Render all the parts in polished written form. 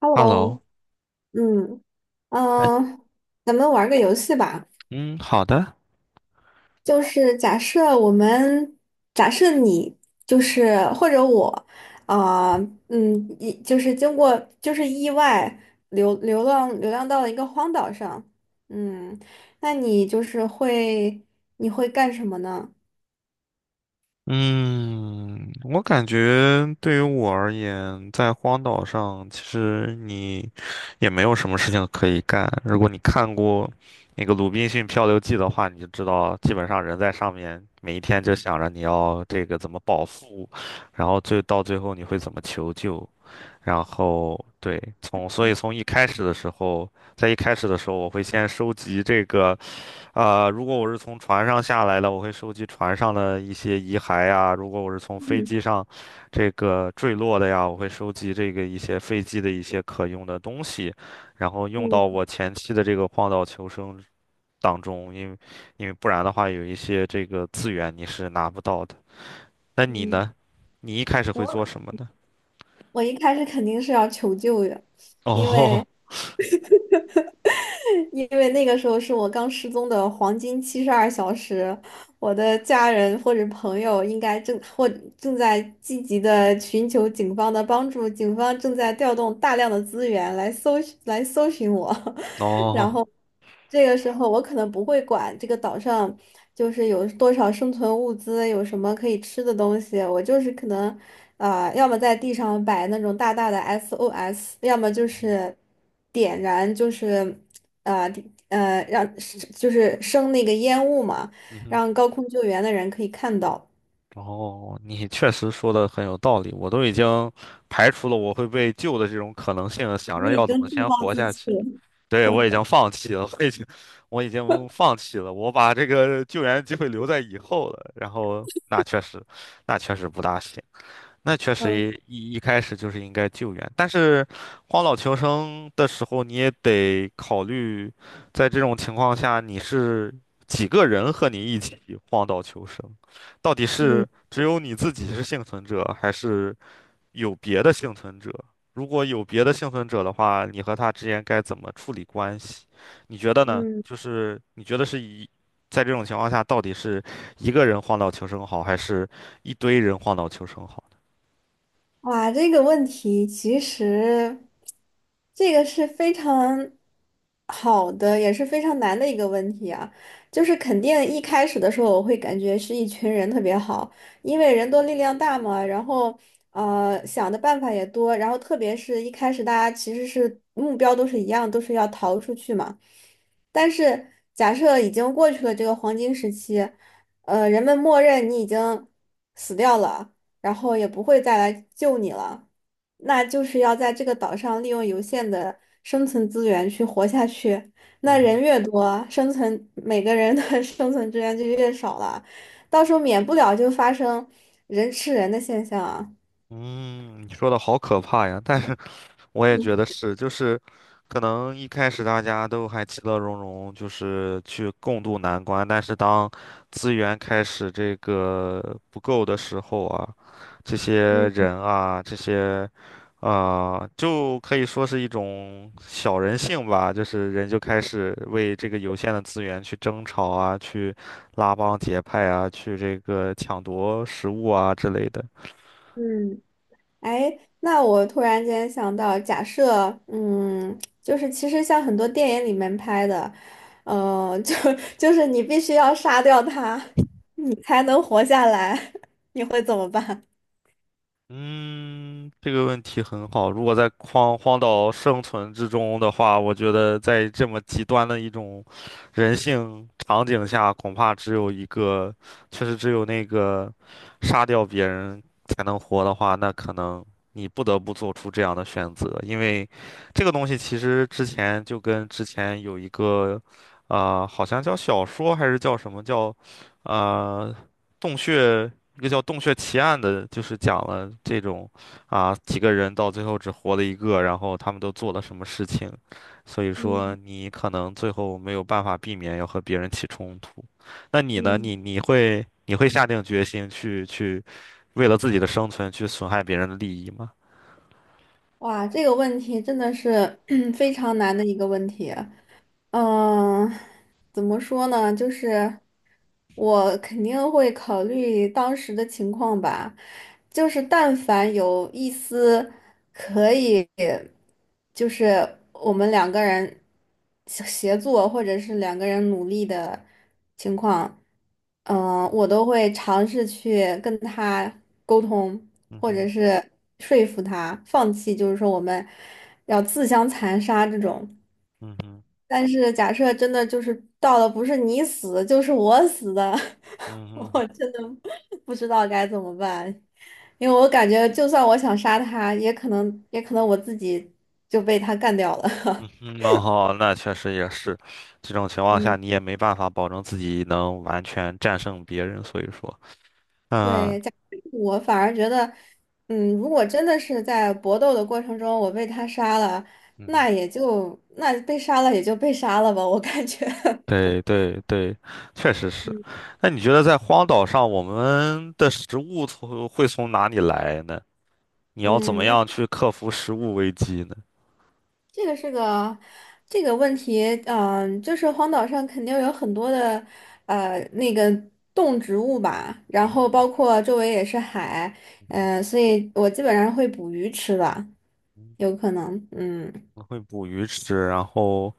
Hello，Hello，嗯，嗯，咱们玩个游戏吧。嗯，好的，就是假设我们，假设你就是或者我，啊、一就是经过就是意外流浪到了一个荒岛上，嗯，那你会干什么呢？嗯，我感觉对于我而言，在荒岛上，其实你也没有什么事情可以干。如果你看过那个《鲁滨逊漂流记》的话，你就知道，基本上人在上面每一天就想着你要这个怎么饱腹，然后到最后你会怎么求救，然后对，所以从一开始的时候，在一开始的时候，我会先收集这个。如果我是从船上下来的，我会收集船上的一些遗骸呀；如果我是从飞嗯，机上这个坠落的呀，我会收集这个一些飞机的一些可用的东西，然后用到嗯我前期的这个荒岛求生当中，因为不然的话，有一些这个资源你是拿不到的。那你嗯，呢？你一开始会做什我么呢？我一开始肯定是要求救的，因哦为。因为那个时候是我刚失踪的黄金72小时，我的家人或者朋友应该正在积极的寻求警方的帮助，警方正在调动大量的资源来搜寻我，然哦，后这个时候我可能不会管这个岛上就是有多少生存物资，有什么可以吃的东西，我就是可能要么在地上摆那种大大的 SOS，要么就嗯是点燃就是。啊，呃地呃，让是就是升那个烟雾嘛，嗯哼。让高空救援的人可以看到。哦，你确实说的很有道理，我都已经排除了我会被救的这种可能性了想着你已要怎经么自先暴活自下弃去。了。对，我已经 放弃了，我已经，我已经放弃了，我把这个救援机会留在以后了。然后，那确实，那确实不大行。那确实嗯一开始就是应该救援，但是荒岛求生的时候，你也得考虑，在这种情况下，你是几个人和你一起荒岛求生？到底是嗯只有你自己是幸存者，还是有别的幸存者？如果有别的幸存者的话，你和他之间该怎么处理关系？你觉得呢？嗯。就是你觉得是一，在这种情况下，到底是一个人荒岛求生好，还是一堆人荒岛求生好？哇，这个问题其实这个是非常好的，也是非常难的一个问题啊。就是肯定一开始的时候，我会感觉是一群人特别好，因为人多力量大嘛，然后呃想的办法也多，然后特别是一开始大家其实是目标都是一样，都是要逃出去嘛。但是假设已经过去了这个黄金时期，呃，人们默认你已经死掉了。然后也不会再来救你了。那就是要在这个岛上利用有限的生存资源去活下去。那嗯哼人越多，生存每个人的 生存资源就越少了，到时候免不了就发生人吃人的现象啊。嗯，你说的好可怕呀！但是 我也觉得是，就是可能一开始大家都还其乐融融，就是去共度难关。但是当资源开始这个不够的时候啊，这些嗯人啊，这些就可以说是一种小人性吧，就是人就开始为这个有限的资源去争吵啊，去拉帮结派啊，去这个抢夺食物啊之类的。嗯，哎，那我突然间想到，假设，嗯，就是其实像很多电影里面拍的，呃，就 就是你必须要杀掉他，你才能活下来，你会怎么办？嗯，这个问题很好。如果在荒岛生存之中的话，我觉得在这么极端的一种人性场景下，恐怕只有一个，确实只有那个杀掉别人才能活的话，那可能你不得不做出这样的选择，因为这个东西其实之前就跟之前有一个，啊，好像叫小说还是叫什么叫，啊洞穴。一个叫《洞穴奇案》的，就是讲了这种啊几个人到最后只活了一个，然后他们都做了什么事情，所以说嗯你可能最后没有办法避免要和别人起冲突。那你呢？嗯，你会下定决心去为了自己的生存去损害别人的利益吗？哇，这个问题真的是 非常难的一个问题。嗯，怎么说呢？就是我肯定会考虑当时的情况吧，就是但凡有一丝。也就是我们两个人协作，或者是两个人努力的情况，嗯、我都会尝试去跟他沟通，嗯或哼，者是说服他放弃，就是说我们要自相残杀这种。嗯哼，但是假设真的就是到了不是你死就是我死的，嗯 我哼，真的不知道该怎么办。因为我感觉就算我想杀他，也可能我自己就被他干掉了。嗯 哼，哦，那确实也是，这种情况下你嗯，也没办法保证自己能完全战胜别人，所以说，嗯。对，我反而觉得，嗯，如果真的是在搏斗的过程中我被他杀了，嗯哼那被杀了也就被杀了吧，我感觉，对对对，确 实是。嗯，那你觉得在荒岛上，我们的食物从会从哪里来呢？你要怎嗯，么那样去克服食物危机呢？这个是个这个问题，嗯、就是荒岛上肯定有很多的呃那个动植物吧，然后包括周围也是海，嗯，所以我基本上会捕鱼吃的，嗯有可能，嗯，我会捕鱼吃，然后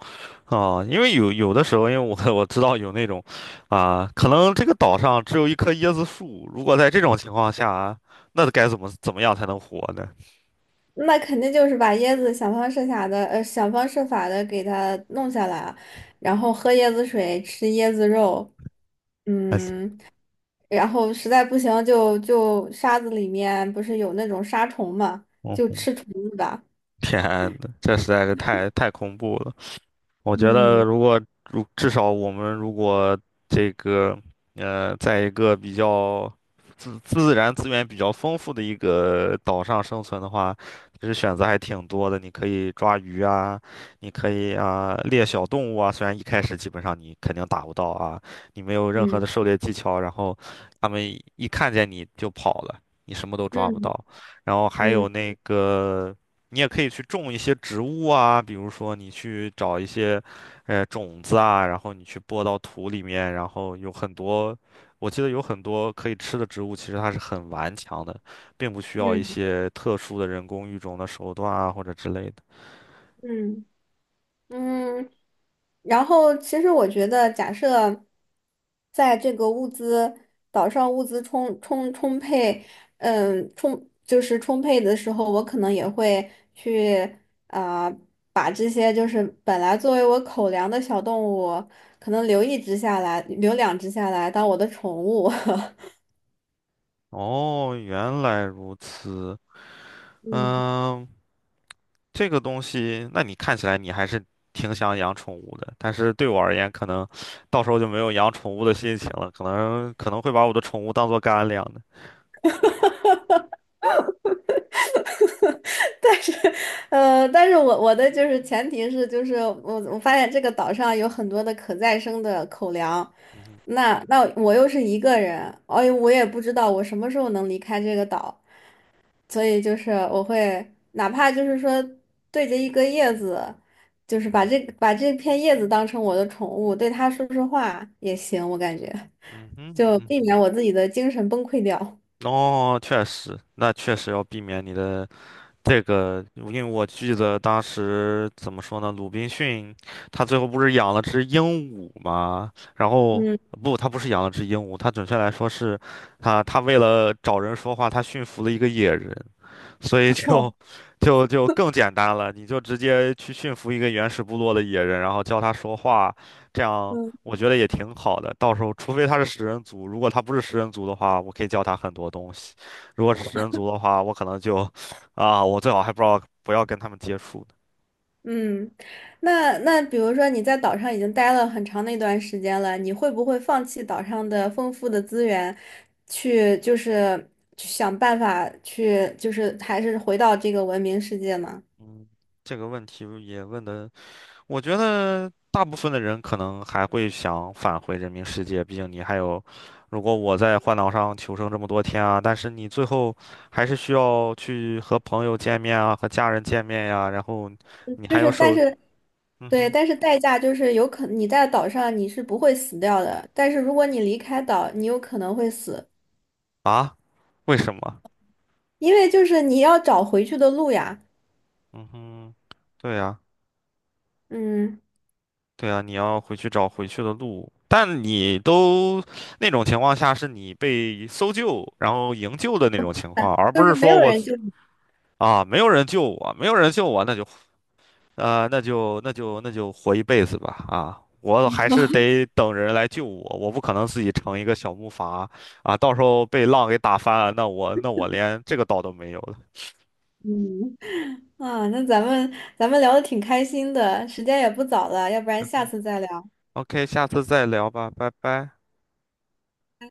因为有的时候，因为我知道有那种，可能这个岛上只有一棵椰子树，如果在这种情况下，那该怎么样才能活呢？那肯定就是把椰子想方设法的，呃，想方设法的给它弄下来啊，然后喝椰子水，吃椰子肉，哎，嗯。然后实在不行就沙子里面不是有那种沙虫嘛，就嗯，吃虫子吧。天呐，这实在是太恐怖了。我觉得嗯如果至少我们如果这个在一个比较自然资源比较丰富的一个岛上生存的话，其实选择还挺多的。你可以抓鱼啊，你可以啊猎小动物啊，虽然一开始基本上你肯定打不到啊，你没有任何嗯的狩猎技巧，然后他们一看见你就跑了，你什么都抓不嗯到。然后还有嗯那个。你也可以去种一些植物啊，比如说你去找一些，种子啊，然后你去播到土里面，然后有很多，我记得有很多可以吃的植物，其实它是很顽强的，并不需要一嗯些特殊的人工育种的手段啊或者之类的。嗯。嗯，然后其实我觉得，假设在这个物资岛上物资充沛，嗯，充就是充沛的时候，我可能也会去啊、呃把这些就是本来作为我口粮的小动物，可能留一只下来，留两只下来当我的宠物。哦，原来如此。嗯，嗯，这个东西，那你看起来你还是挺想养宠物的，但是对我而言，可能到时候就没有养宠物的心情了，可能会把我的宠物当做干粮。的。呃，但是我的就是前提是，就是我发现这个岛上有很多的可再生的口粮，嗯哼，那我又是一个人，哎呦，我也不知道我什么时候能离开这个岛，所以就是我会哪怕就是说对着一个叶子，就是把这片叶子当成我的宠物，对它说说话也行，我感觉嗯哼，就嗯避哼。免我自己的精神崩溃掉。哦，确实，那确实要避免你的这个，因为我记得当时怎么说呢，鲁滨逊他最后不是养了只鹦鹉吗？然后嗯不，他不是养了只鹦鹉，他准确来说是，他他为了找人说话，他驯服了一个野人。所以就就更简单了，你就直接去驯服一个原始部落的野人，然后教他说话，这样我觉得也挺好的。到时候，除非他是食人族，如果他不是食人族的话，我可以教他很多东西；如果是食人族的话，我可能就啊，我最好还不知道不要跟他们接触呢。嗯，那比如说你在岛上已经待了很长的一段时间了，你会不会放弃岛上的丰富的资源，去就是去想办法去就是还是回到这个文明世界呢？嗯，这个问题也问的我觉得大部分的人可能还会想返回人民世界，毕竟你还有，如果我在荒岛上求生这么多天啊，但是你最后还是需要去和朋友见面啊，和家人见面呀、然后你就还有是但受，是嗯对，哼，但是代价就是你在岛上你是不会死掉的，但是如果你离开岛，你有可能会死，啊，为什么？因为就是你要找回去的路呀。嗯哼，对呀、嗯，对呀、你要回去找回去的路，但你都那种情况下是你被搜救，然后营救的那种情况，而不就是是没说有我人就你。啊没有人救我，没有人救我，那就。那就那就活一辈子吧啊！我还是得等人来救我，我不可能自己成一个小木筏啊！到时候被浪给打翻了，那我那我连这个岛都没有了。嗯。啊，那咱们聊的挺开心的，时间也不早了，要不然下次再聊。OK，下次再聊吧，拜拜。